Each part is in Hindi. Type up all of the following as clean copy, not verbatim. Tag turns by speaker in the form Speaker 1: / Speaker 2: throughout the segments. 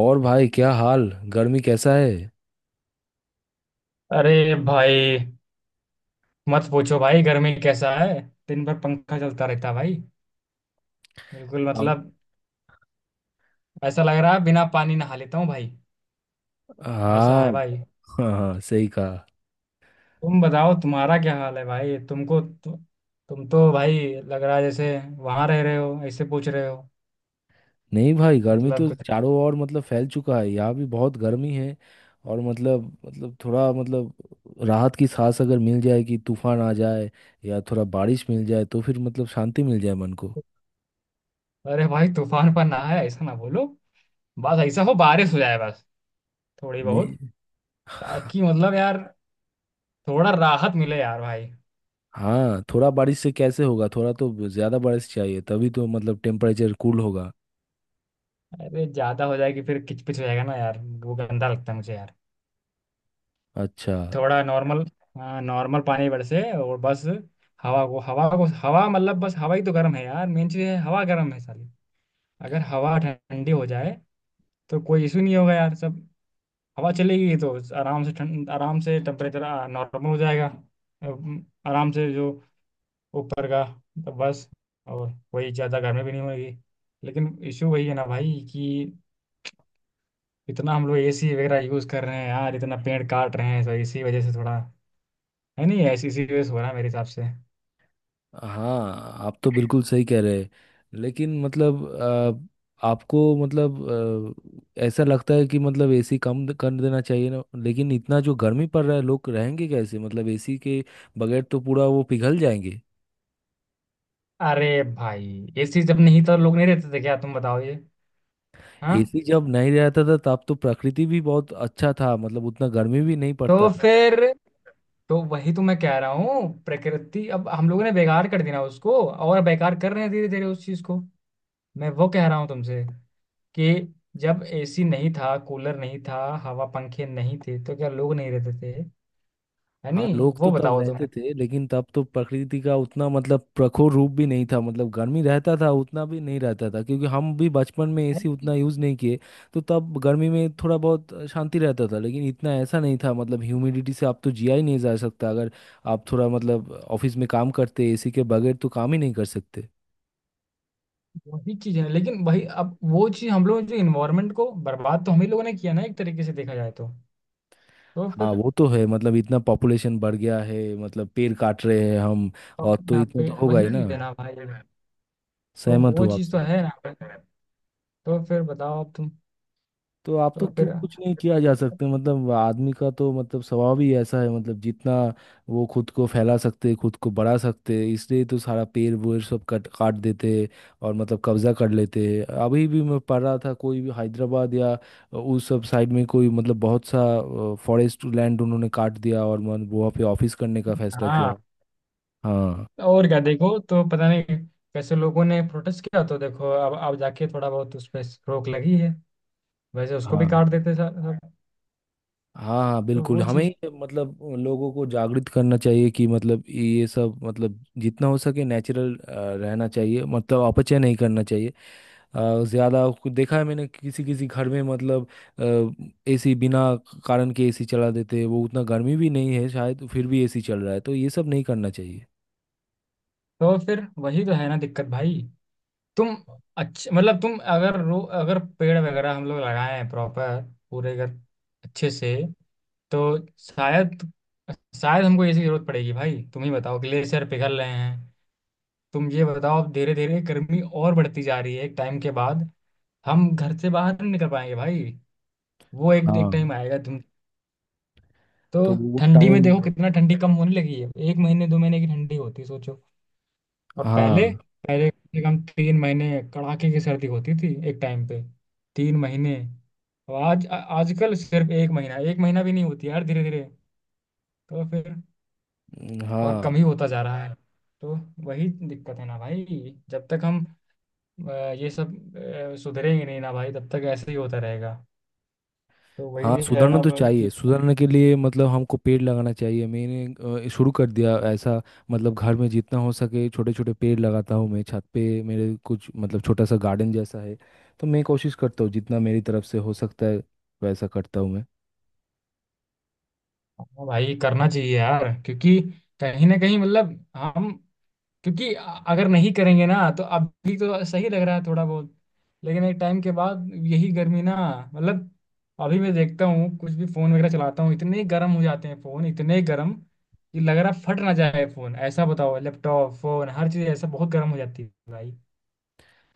Speaker 1: और भाई क्या हाल। गर्मी कैसा है।
Speaker 2: अरे भाई मत पूछो भाई, गर्मी कैसा है। दिन भर पंखा चलता रहता है भाई। बिल्कुल
Speaker 1: हाँ।
Speaker 2: मतलब ऐसा लग रहा है, बिना पानी नहा लेता हूँ भाई। ऐसा है
Speaker 1: हाँ।
Speaker 2: भाई।
Speaker 1: हाँ। हाँ, सही कहा।
Speaker 2: तुम बताओ तुम्हारा क्या हाल है भाई। तुम तो भाई लग रहा है जैसे वहां रह रहे हो, ऐसे पूछ रहे हो।
Speaker 1: नहीं भाई, गर्मी
Speaker 2: मतलब
Speaker 1: तो
Speaker 2: कुछ।
Speaker 1: चारों ओर मतलब फैल चुका है, यहाँ भी बहुत गर्मी है। और मतलब थोड़ा मतलब राहत की सांस अगर मिल जाए कि तूफान आ जाए या थोड़ा बारिश मिल जाए तो फिर मतलब शांति मिल जाए मन को।
Speaker 2: अरे भाई तूफान पर ना है, ऐसा ना बोलो। बस ऐसा हो बारिश हो जाए, बस थोड़ी बहुत।
Speaker 1: नहीं।
Speaker 2: ताकि मतलब यार थोड़ा राहत मिले यार भाई।
Speaker 1: हाँ, थोड़ा बारिश से कैसे होगा? थोड़ा तो ज्यादा बारिश चाहिए, तभी तो मतलब टेम्परेचर कूल होगा।
Speaker 2: अरे ज्यादा हो जाएगी फिर किचपिच हो जाएगा ना यार, वो गंदा लगता है मुझे यार।
Speaker 1: अच्छा।
Speaker 2: थोड़ा नॉर्मल, हाँ नॉर्मल पानी बरसे और बस। हवा मतलब बस हवा ही तो गर्म है यार, मेन चीज़ है, हवा गर्म है साली। अगर हवा ठंडी हो जाए तो कोई इशू नहीं होगा यार। सब हवा चलेगी तो आराम से ठंड, आराम से टेम्परेचर नॉर्मल हो जाएगा। आराम से जो ऊपर का, तो बस, और वही ज़्यादा गर्मी भी नहीं होगी। लेकिन इशू वही है ना भाई कि इतना हम लोग एसी वगैरह यूज़ कर रहे हैं यार, इतना पेड़ काट रहे हैं, तो इसी वजह से थोड़ा है नहीं, ऐसी सीरियस हो रहा है मेरे हिसाब से।
Speaker 1: हाँ, आप तो बिल्कुल सही कह रहे हैं। लेकिन मतलब आपको मतलब ऐसा लगता है कि मतलब एसी कम कर देना चाहिए ना। लेकिन इतना जो गर्मी पड़ रहा है, लोग रहेंगे कैसे? मतलब एसी के बगैर तो पूरा वो पिघल जाएंगे।
Speaker 2: अरे भाई ऐसी जब नहीं तो लोग नहीं रहते थे क्या? तुम बताओ ये। हाँ।
Speaker 1: एसी जब नहीं रहता था तब तो प्रकृति भी बहुत अच्छा था, मतलब उतना गर्मी भी नहीं पड़ता
Speaker 2: तो
Speaker 1: था।
Speaker 2: फिर तो वही तो मैं कह रहा हूँ, प्रकृति अब हम लोगों ने बेकार कर दिया ना उसको, और बेकार कर रहे हैं धीरे धीरे उस चीज को। मैं वो कह रहा हूँ तुमसे कि जब एसी नहीं था, कूलर नहीं था, हवा पंखे नहीं थे तो क्या लोग नहीं रहते थे? है
Speaker 1: हाँ,
Speaker 2: नहीं,
Speaker 1: लोग तो
Speaker 2: वो
Speaker 1: तब
Speaker 2: बताओ तुम।
Speaker 1: रहते थे लेकिन तब तो प्रकृति का उतना मतलब प्रखर रूप भी नहीं था। मतलब गर्मी रहता था उतना भी नहीं रहता था, क्योंकि हम भी बचपन में एसी
Speaker 2: अरे,
Speaker 1: उतना यूज़ नहीं किए। तो तब गर्मी में थोड़ा बहुत शांति रहता था, लेकिन इतना ऐसा नहीं था। मतलब ह्यूमिडिटी से आप तो जिया ही नहीं जा सकता, अगर आप थोड़ा मतलब ऑफिस में काम करते एसी के बगैर तो काम ही नहीं कर सकते।
Speaker 2: वही चीज है, लेकिन वही अब वो चीज हम लोग जो इन्वायरमेंट को बर्बाद तो हम ही लोगों ने किया ना, एक तरीके से देखा जाए तो। तो
Speaker 1: हाँ,
Speaker 2: फिर
Speaker 1: वो तो है। मतलब इतना पॉपुलेशन बढ़ गया है, मतलब पेड़ काट रहे हैं हम, और
Speaker 2: अपने
Speaker 1: तो
Speaker 2: आप
Speaker 1: इतना
Speaker 2: पे
Speaker 1: तो होगा ही
Speaker 2: वही
Speaker 1: ना।
Speaker 2: चीज है ना भाई। तो
Speaker 1: सहमत
Speaker 2: वो
Speaker 1: हूँ
Speaker 2: चीज
Speaker 1: आपसे।
Speaker 2: तो है ना भाई। तो फिर बताओ अब तुम।
Speaker 1: तो आप तो
Speaker 2: तो
Speaker 1: क्यों
Speaker 2: फिर?
Speaker 1: कुछ नहीं किया जा सकते? मतलब आदमी का तो मतलब स्वभाव ही ऐसा है, मतलब जितना वो खुद को फैला सकते, खुद को बढ़ा सकते, इसलिए तो सारा पेड़ वेड़ सब कट काट देते और मतलब कब्जा कर लेते। अभी भी मैं पढ़ रहा था, कोई भी हैदराबाद या उस सब साइड में कोई मतलब बहुत सा फॉरेस्ट लैंड उन्होंने काट दिया और मन वहाँ पे ऑफिस करने का फैसला किया।
Speaker 2: हाँ,
Speaker 1: हाँ।
Speaker 2: और क्या, देखो तो पता नहीं कैसे लोगों ने प्रोटेस्ट किया, तो देखो अब जाके थोड़ा बहुत उस पर रोक लगी है, वैसे उसको भी
Speaker 1: हाँ।
Speaker 2: काट देते सब सब।
Speaker 1: हाँ। हाँ,
Speaker 2: तो
Speaker 1: बिल्कुल।
Speaker 2: वो चीज।
Speaker 1: हमें मतलब लोगों को जागृत करना चाहिए कि मतलब ये सब मतलब जितना हो सके नेचुरल रहना चाहिए, मतलब अपचय नहीं करना चाहिए। ज़्यादा कुछ देखा है मैंने, किसी किसी घर में मतलब एसी बिना कारण के एसी चला देते हैं। वो उतना गर्मी भी नहीं है शायद, तो फिर भी एसी चल रहा है, तो ये सब नहीं करना चाहिए।
Speaker 2: तो फिर वही तो है ना दिक्कत भाई। तुम अच्छे, मतलब तुम अगर रो अगर पेड़ वगैरह हम लोग लगाए हैं प्रॉपर, पूरे घर अच्छे से, तो शायद, शायद हमको ऐसी जरूरत पड़ेगी भाई। तुम ही बताओ ग्लेशियर पिघल रहे हैं, तुम ये बताओ, अब धीरे धीरे गर्मी और बढ़ती जा रही है, एक टाइम के बाद हम घर से बाहर नहीं निकल पाएंगे भाई। वो एक एक टाइम
Speaker 1: हाँ।
Speaker 2: आएगा, तुम।
Speaker 1: तो
Speaker 2: तो
Speaker 1: वो
Speaker 2: ठंडी में
Speaker 1: टाइम।
Speaker 2: देखो कितना ठंडी कम होने लगी है, 1 महीने 2 महीने की ठंडी होती है, सोचो। और
Speaker 1: हाँ।
Speaker 2: पहले, पहले कम से कम 3 महीने कड़ाके की सर्दी होती थी एक टाइम पे, 3 महीने। और आज आजकल सिर्फ 1 महीना 1 महीना भी नहीं होती यार, धीरे धीरे तो फिर और
Speaker 1: हाँ।
Speaker 2: कम ही होता जा रहा है। तो वही दिक्कत है ना भाई, जब तक हम अ, ये सब सुधरेंगे नहीं ना भाई, तब तक ऐसे ही होता रहेगा। तो
Speaker 1: हाँ,
Speaker 2: वही है
Speaker 1: सुधरना
Speaker 2: ना
Speaker 1: तो
Speaker 2: भाई कि,
Speaker 1: चाहिए। सुधरने के लिए मतलब हमको पेड़ लगाना चाहिए। मैंने शुरू कर दिया ऐसा। मतलब घर में जितना हो सके छोटे छोटे पेड़ लगाता हूँ मैं। छत पे मेरे कुछ मतलब छोटा सा गार्डन जैसा है। तो मैं कोशिश करता हूँ जितना मेरी तरफ से हो सकता है, वैसा करता हूँ मैं।
Speaker 2: हाँ भाई करना चाहिए यार, क्योंकि कहीं ना कहीं मतलब हम, क्योंकि अगर नहीं करेंगे ना तो अभी तो सही लग रहा है थोड़ा बहुत, लेकिन एक टाइम के बाद यही गर्मी ना, मतलब अभी मैं देखता हूँ कुछ भी फोन वगैरह चलाता हूँ इतने गर्म हो जाते हैं, फोन इतने गर्म कि लग रहा फट ना जाए फोन, ऐसा। बताओ लैपटॉप, फोन हर चीज ऐसा बहुत गर्म हो जाती है भाई।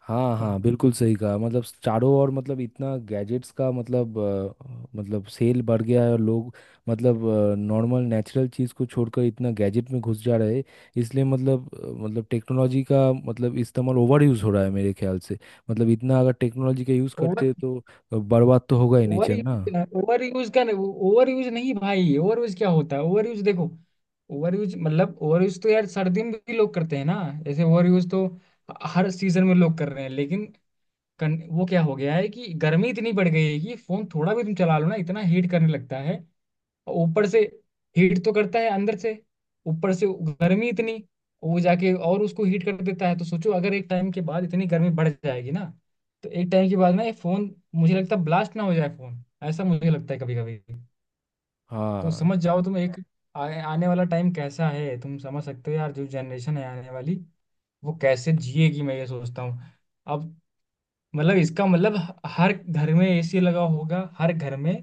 Speaker 1: हाँ
Speaker 2: तुम
Speaker 1: हाँ, बिल्कुल सही कहा। मतलब चारों ओर मतलब इतना गैजेट्स का मतलब मतलब सेल बढ़ गया है, और लोग मतलब नॉर्मल नेचुरल चीज़ को छोड़कर इतना गैजेट में घुस जा रहे हैं। इसलिए मतलब मतलब टेक्नोलॉजी का मतलब इस्तेमाल ओवर यूज़ हो रहा है मेरे ख्याल से। मतलब इतना अगर टेक्नोलॉजी का यूज़
Speaker 2: ओवर,
Speaker 1: करते हैं, तो बर्बाद तो होगा ही
Speaker 2: ओवर
Speaker 1: नेचर ना।
Speaker 2: यूज, ओवर यूज का। ओवर यूज नहीं भाई, ओवर यूज क्या होता है? ओवर यूज देखो, ओवर यूज मतलब ओवर यूज तो यार सर्दी में भी लोग करते हैं ना, ऐसे ओवर यूज तो हर सीजन में लोग कर रहे हैं, लेकिन वो क्या हो गया है कि गर्मी इतनी बढ़ गई है कि फोन थोड़ा भी तुम चला लो ना इतना हीट करने लगता है, और ऊपर से हीट तो करता है अंदर से, ऊपर से गर्मी इतनी वो जाके और उसको हीट कर देता है। तो सोचो अगर एक टाइम के बाद इतनी गर्मी बढ़ जाएगी ना, तो एक टाइम के बाद ना ये फोन मुझे लगता है ब्लास्ट ना हो जाए फोन, ऐसा मुझे लगता है कभी कभी। तो
Speaker 1: हाँ।
Speaker 2: समझ जाओ तुम एक, आ, आने वाला टाइम कैसा है तुम समझ सकते हो यार, जो जनरेशन है आने वाली, वो कैसे जिएगी मैं ये सोचता हूँ। अब मतलब इसका मतलब हर घर में एसी लगा होगा, हर घर में,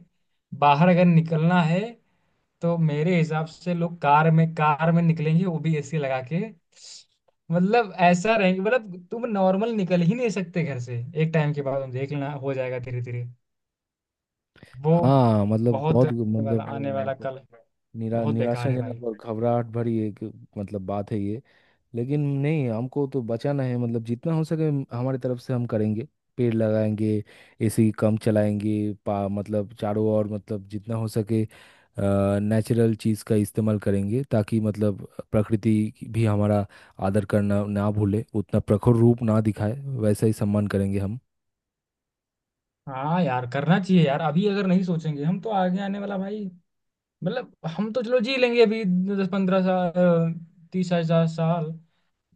Speaker 2: बाहर अगर निकलना है तो मेरे हिसाब से लोग कार में निकलेंगे, वो भी एसी लगा के। मतलब ऐसा रहेंगे, मतलब तुम नॉर्मल निकल ही नहीं सकते घर से। एक टाइम के बाद देखना, हो जाएगा धीरे धीरे वो।
Speaker 1: हाँ, मतलब
Speaker 2: बहुत
Speaker 1: बहुत
Speaker 2: आने वाला
Speaker 1: मतलब
Speaker 2: आने वाला
Speaker 1: मतलब
Speaker 2: कल
Speaker 1: निरा
Speaker 2: बहुत बेकार है भाई।
Speaker 1: निराशाजनक और घबराहट भरी एक मतलब बात है ये। लेकिन नहीं, हमको तो बचाना है। मतलब जितना हो सके हमारी तरफ से हम करेंगे, पेड़ लगाएंगे, एसी कम चलाएंगे, पा मतलब चारों ओर मतलब जितना हो सके नेचुरल चीज़ का इस्तेमाल करेंगे, ताकि मतलब प्रकृति की भी हमारा आदर करना ना भूले, उतना प्रखर रूप ना दिखाए। वैसा ही सम्मान करेंगे हम।
Speaker 2: हाँ यार करना चाहिए यार, अभी अगर नहीं सोचेंगे हम तो आगे आने वाला भाई, मतलब हम तो चलो जी लेंगे अभी, 10-15 साल, 30,000 साल।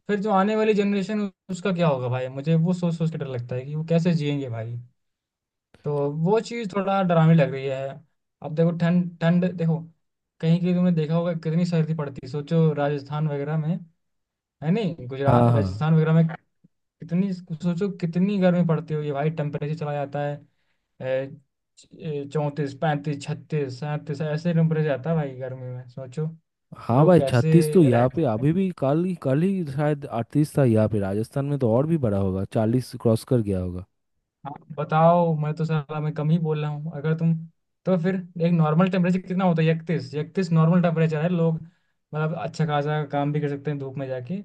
Speaker 2: फिर जो आने वाली जनरेशन, उसका क्या होगा भाई, मुझे वो सोच सोच के डर लगता है कि वो कैसे जिएंगे भाई। तो वो चीज़ थोड़ा डरावनी लग रही है। अब देखो ठंड, ठंड देखो कहीं कहीं तुमने देखा होगा कितनी सर्दी पड़ती है, सोचो राजस्थान वगैरह में, है नहीं,
Speaker 1: हाँ।
Speaker 2: गुजरात,
Speaker 1: हाँ।
Speaker 2: राजस्थान वगैरह में कितनी, सोचो कितनी गर्मी पड़ती होगी भाई, टेम्परेचर चला जाता है 34 35 36 37, ऐसे नंबर जाता है भाई गर्मी में, सोचो।
Speaker 1: हाँ
Speaker 2: लोग
Speaker 1: भाई,
Speaker 2: कैसे
Speaker 1: 36 तो यहाँ
Speaker 2: रहते
Speaker 1: पे
Speaker 2: हैं
Speaker 1: अभी भी, कल ही शायद 38 था यहाँ पे। राजस्थान में तो और भी बड़ा होगा, 40 क्रॉस कर गया होगा।
Speaker 2: आप बताओ, मैं तो साला मैं कम ही बोल रहा हूँ, अगर तुम, तो फिर। एक नॉर्मल टेम्परेचर कितना होता है, इकतीस, इकतीस नॉर्मल टेम्परेचर है, लोग मतलब अच्छा खासा काम भी कर सकते हैं धूप में जाके।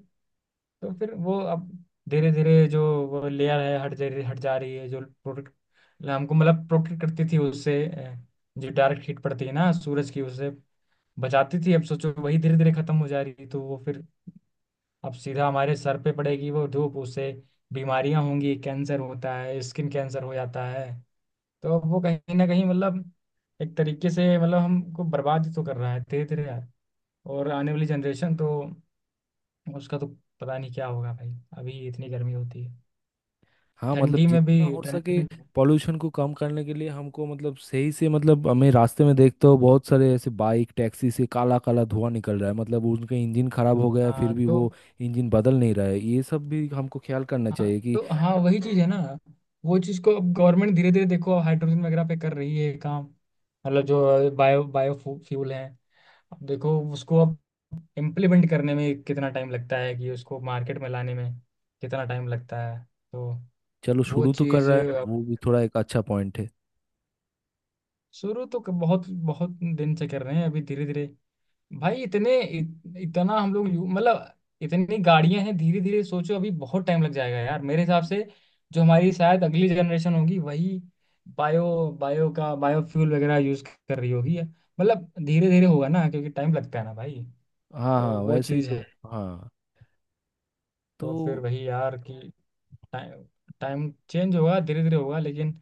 Speaker 2: तो फिर वो अब धीरे धीरे जो वो लेयर है हट जा रही है जो प्रोटेक्ट हमको, मतलब प्रोटेक्ट करती थी उससे, जो डायरेक्ट हीट पड़ती है ना सूरज की, उससे बचाती थी, अब सोचो वही धीरे धीरे खत्म हो जा रही थी तो वो फिर अब सीधा हमारे सर पे पड़ेगी वो धूप, उससे बीमारियां होंगी, कैंसर होता है, स्किन कैंसर हो जाता है। तो अब वो कहीं ना कहीं मतलब एक तरीके से मतलब हमको बर्बाद ही तो कर रहा है धीरे धीरे यार। और आने वाली जनरेशन तो, उसका तो पता नहीं क्या होगा भाई, अभी इतनी गर्मी होती है,
Speaker 1: हाँ, मतलब
Speaker 2: ठंडी में भी
Speaker 1: जितना हो
Speaker 2: ठंडी
Speaker 1: सके
Speaker 2: में
Speaker 1: पॉल्यूशन को कम करने के लिए हमको मतलब सही से। मतलब हमें रास्ते में देखते हो, बहुत सारे ऐसे बाइक टैक्सी से काला काला धुआं निकल रहा है। मतलब उनका इंजन खराब हो गया है, फिर
Speaker 2: हाँ
Speaker 1: भी
Speaker 2: तो
Speaker 1: वो इंजन बदल नहीं रहा है। ये सब भी हमको ख्याल करना
Speaker 2: हाँ
Speaker 1: चाहिए कि।
Speaker 2: तो हाँ वही चीज है ना, वो चीज को अब गवर्नमेंट धीरे धीरे देखो हाइड्रोजन वगैरह पे कर रही है काम, मतलब जो बायो बायो फ्यूल है। अब देखो उसको अब इम्प्लीमेंट करने में कितना टाइम लगता है, कि उसको मार्केट में लाने में कितना टाइम लगता है, तो
Speaker 1: चलो,
Speaker 2: वो
Speaker 1: शुरू तो कर
Speaker 2: चीज।
Speaker 1: रहा है ना वो भी, थोड़ा एक अच्छा पॉइंट है।
Speaker 2: शुरू तो बहुत बहुत दिन से कर रहे हैं, अभी धीरे धीरे भाई इतने इतना हम लोग मतलब, इतनी गाड़ियां हैं, धीरे धीरे सोचो अभी बहुत टाइम लग जाएगा यार मेरे हिसाब से। जो हमारी शायद अगली जनरेशन होगी, वही बायो बायो का बायो फ्यूल वगैरह यूज कर रही होगी, मतलब धीरे धीरे होगा ना, क्योंकि टाइम लगता है ना भाई।
Speaker 1: हाँ
Speaker 2: तो
Speaker 1: हाँ,
Speaker 2: वो
Speaker 1: वैसे ही
Speaker 2: चीज़
Speaker 1: तो।
Speaker 2: है।
Speaker 1: हाँ। तो
Speaker 2: तो फिर वही यार कि टाइम, टाइम चेंज होगा, धीरे धीरे होगा, लेकिन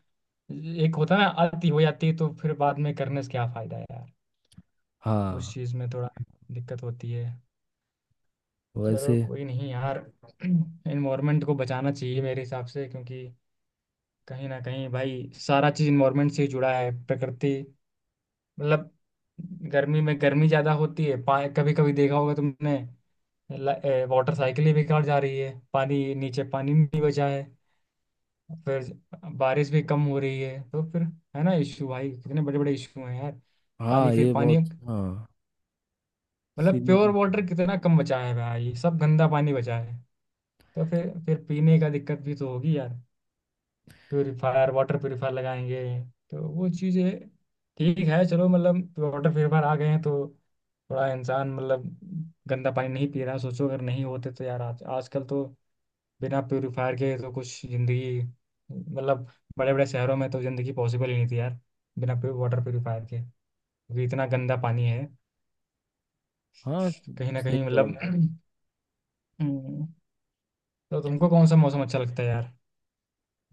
Speaker 2: एक होता है ना आती हो जाती है तो फिर बाद में करने से क्या फायदा है यार। उस
Speaker 1: हाँ।
Speaker 2: चीज़ में थोड़ा दिक्कत होती है। चलो
Speaker 1: वैसे।
Speaker 2: कोई नहीं यार, इन्वायरमेंट को बचाना चाहिए मेरे हिसाब से, क्योंकि कहीं ना कहीं भाई सारा चीज इन्वायरमेंट से ही जुड़ा है। प्रकृति मतलब, गर्मी में गर्मी ज्यादा होती है पा, कभी कभी देखा होगा तुमने, वाटर साइकिल ही बेकार जा रही है, पानी नीचे पानी नहीं बचा है, फिर बारिश भी कम हो रही है, तो फिर है ना इशू भाई, कितने बड़े बड़े इशू हैं यार। पानी,
Speaker 1: हाँ,
Speaker 2: फिर
Speaker 1: ये
Speaker 2: पानी
Speaker 1: बहुत। हाँ।
Speaker 2: मतलब
Speaker 1: सीरियस।
Speaker 2: प्योर वाटर कितना कम बचा है भाई, सब गंदा पानी बचा है। तो फिर पीने का दिक्कत भी तो होगी यार, प्योरीफायर, वाटर प्योरीफायर लगाएंगे तो वो चीज़ें ठीक है। चलो मतलब वाटर प्योरीफायर आ गए हैं तो थोड़ा इंसान मतलब गंदा पानी नहीं पी रहा, सोचो अगर नहीं होते तो यार, आज आजकल तो बिना प्योरीफायर के तो कुछ ज़िंदगी, मतलब बड़े बड़े शहरों में तो ज़िंदगी पॉसिबल ही नहीं थी यार बिना वाटर प्योरीफायर के, क्योंकि इतना गंदा पानी है।
Speaker 1: हाँ,
Speaker 2: कहीं ना
Speaker 1: सही
Speaker 2: कहीं
Speaker 1: बोला
Speaker 2: मतलब
Speaker 1: आपने।
Speaker 2: हम्म, तो तुमको कौन सा मौसम अच्छा लगता है यार?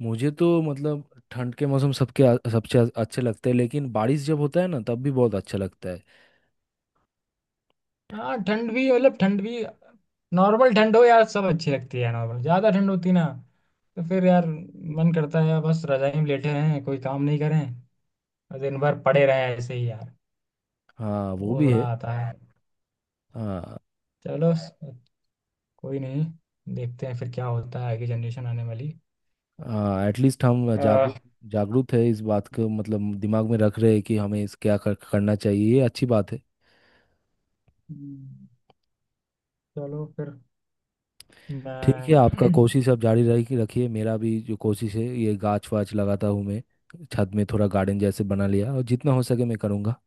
Speaker 1: मुझे तो मतलब ठंड के मौसम अच्छे लगते हैं, लेकिन बारिश जब होता है ना तब भी बहुत अच्छा लगता है।
Speaker 2: हाँ, ठंड भी मतलब ठंड भी नॉर्मल ठंड हो यार सब अच्छी लगती है, नॉर्मल ज़्यादा ठंड होती ना, तो फिर यार मन करता है बस रजाई में लेटे रहें, कोई काम नहीं करें, और दिन भर पड़े रहें ऐसे ही यार।
Speaker 1: हाँ,
Speaker 2: तो
Speaker 1: वो
Speaker 2: वो
Speaker 1: भी
Speaker 2: थोड़ा
Speaker 1: है।
Speaker 2: आता है।
Speaker 1: हाँ।
Speaker 2: चलो स- कोई नहीं, देखते हैं फिर क्या होता है आगे जनरेशन आने वाली।
Speaker 1: हाँ, एटलीस्ट हम
Speaker 2: अह,
Speaker 1: जागरूक जागरूक है इस बात को, मतलब दिमाग में रख रहे हैं कि हमें इस करना चाहिए। ये अच्छी बात है।
Speaker 2: हम्म, चलो फिर
Speaker 1: ठीक है, आपका
Speaker 2: मैं।
Speaker 1: कोशिश आप जारी रखी रखिए। मेरा भी जो कोशिश है, ये गाछ वाछ लगाता हूँ मैं। छत में थोड़ा गार्डन जैसे बना लिया, और जितना हो सके मैं करूँगा।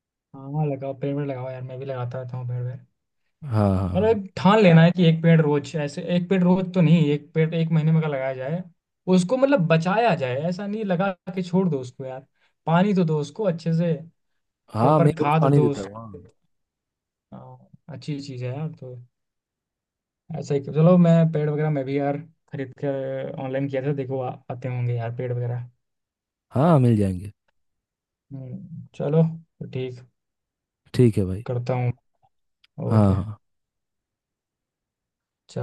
Speaker 2: हाँ, लगाओ पेड़ वेड़ लगाओ यार, मैं भी लगाता रहता हूँ पेड़ वेड़।
Speaker 1: हाँ। हाँ।
Speaker 2: मतलब
Speaker 1: हाँ।
Speaker 2: एक ठान लेना है कि एक पेड़ रोज, ऐसे एक पेड़ रोज तो नहीं, एक पेड़ 1 महीने में का लगाया जाए, उसको मतलब बचाया जाए, ऐसा नहीं लगा के छोड़ दो उसको यार, पानी तो दो उसको अच्छे से,
Speaker 1: हाँ, मैं
Speaker 2: प्रॉपर
Speaker 1: रोज़
Speaker 2: खाद
Speaker 1: पानी
Speaker 2: दो
Speaker 1: देता हूँ।
Speaker 2: उसको।
Speaker 1: हाँ।
Speaker 2: हाँ, अच्छी चीज है यार। तो ऐसा ही चलो, मैं पेड़ वगैरह मैं भी यार खरीद कर ऑनलाइन किया था, देखो आते होंगे यार पेड़ वगैरह।
Speaker 1: हाँ, मिल जाएंगे।
Speaker 2: चलो तो ठीक,
Speaker 1: ठीक है भाई।
Speaker 2: करता हूँ।
Speaker 1: हाँ।
Speaker 2: ओके।
Speaker 1: हाँ।
Speaker 2: चलो।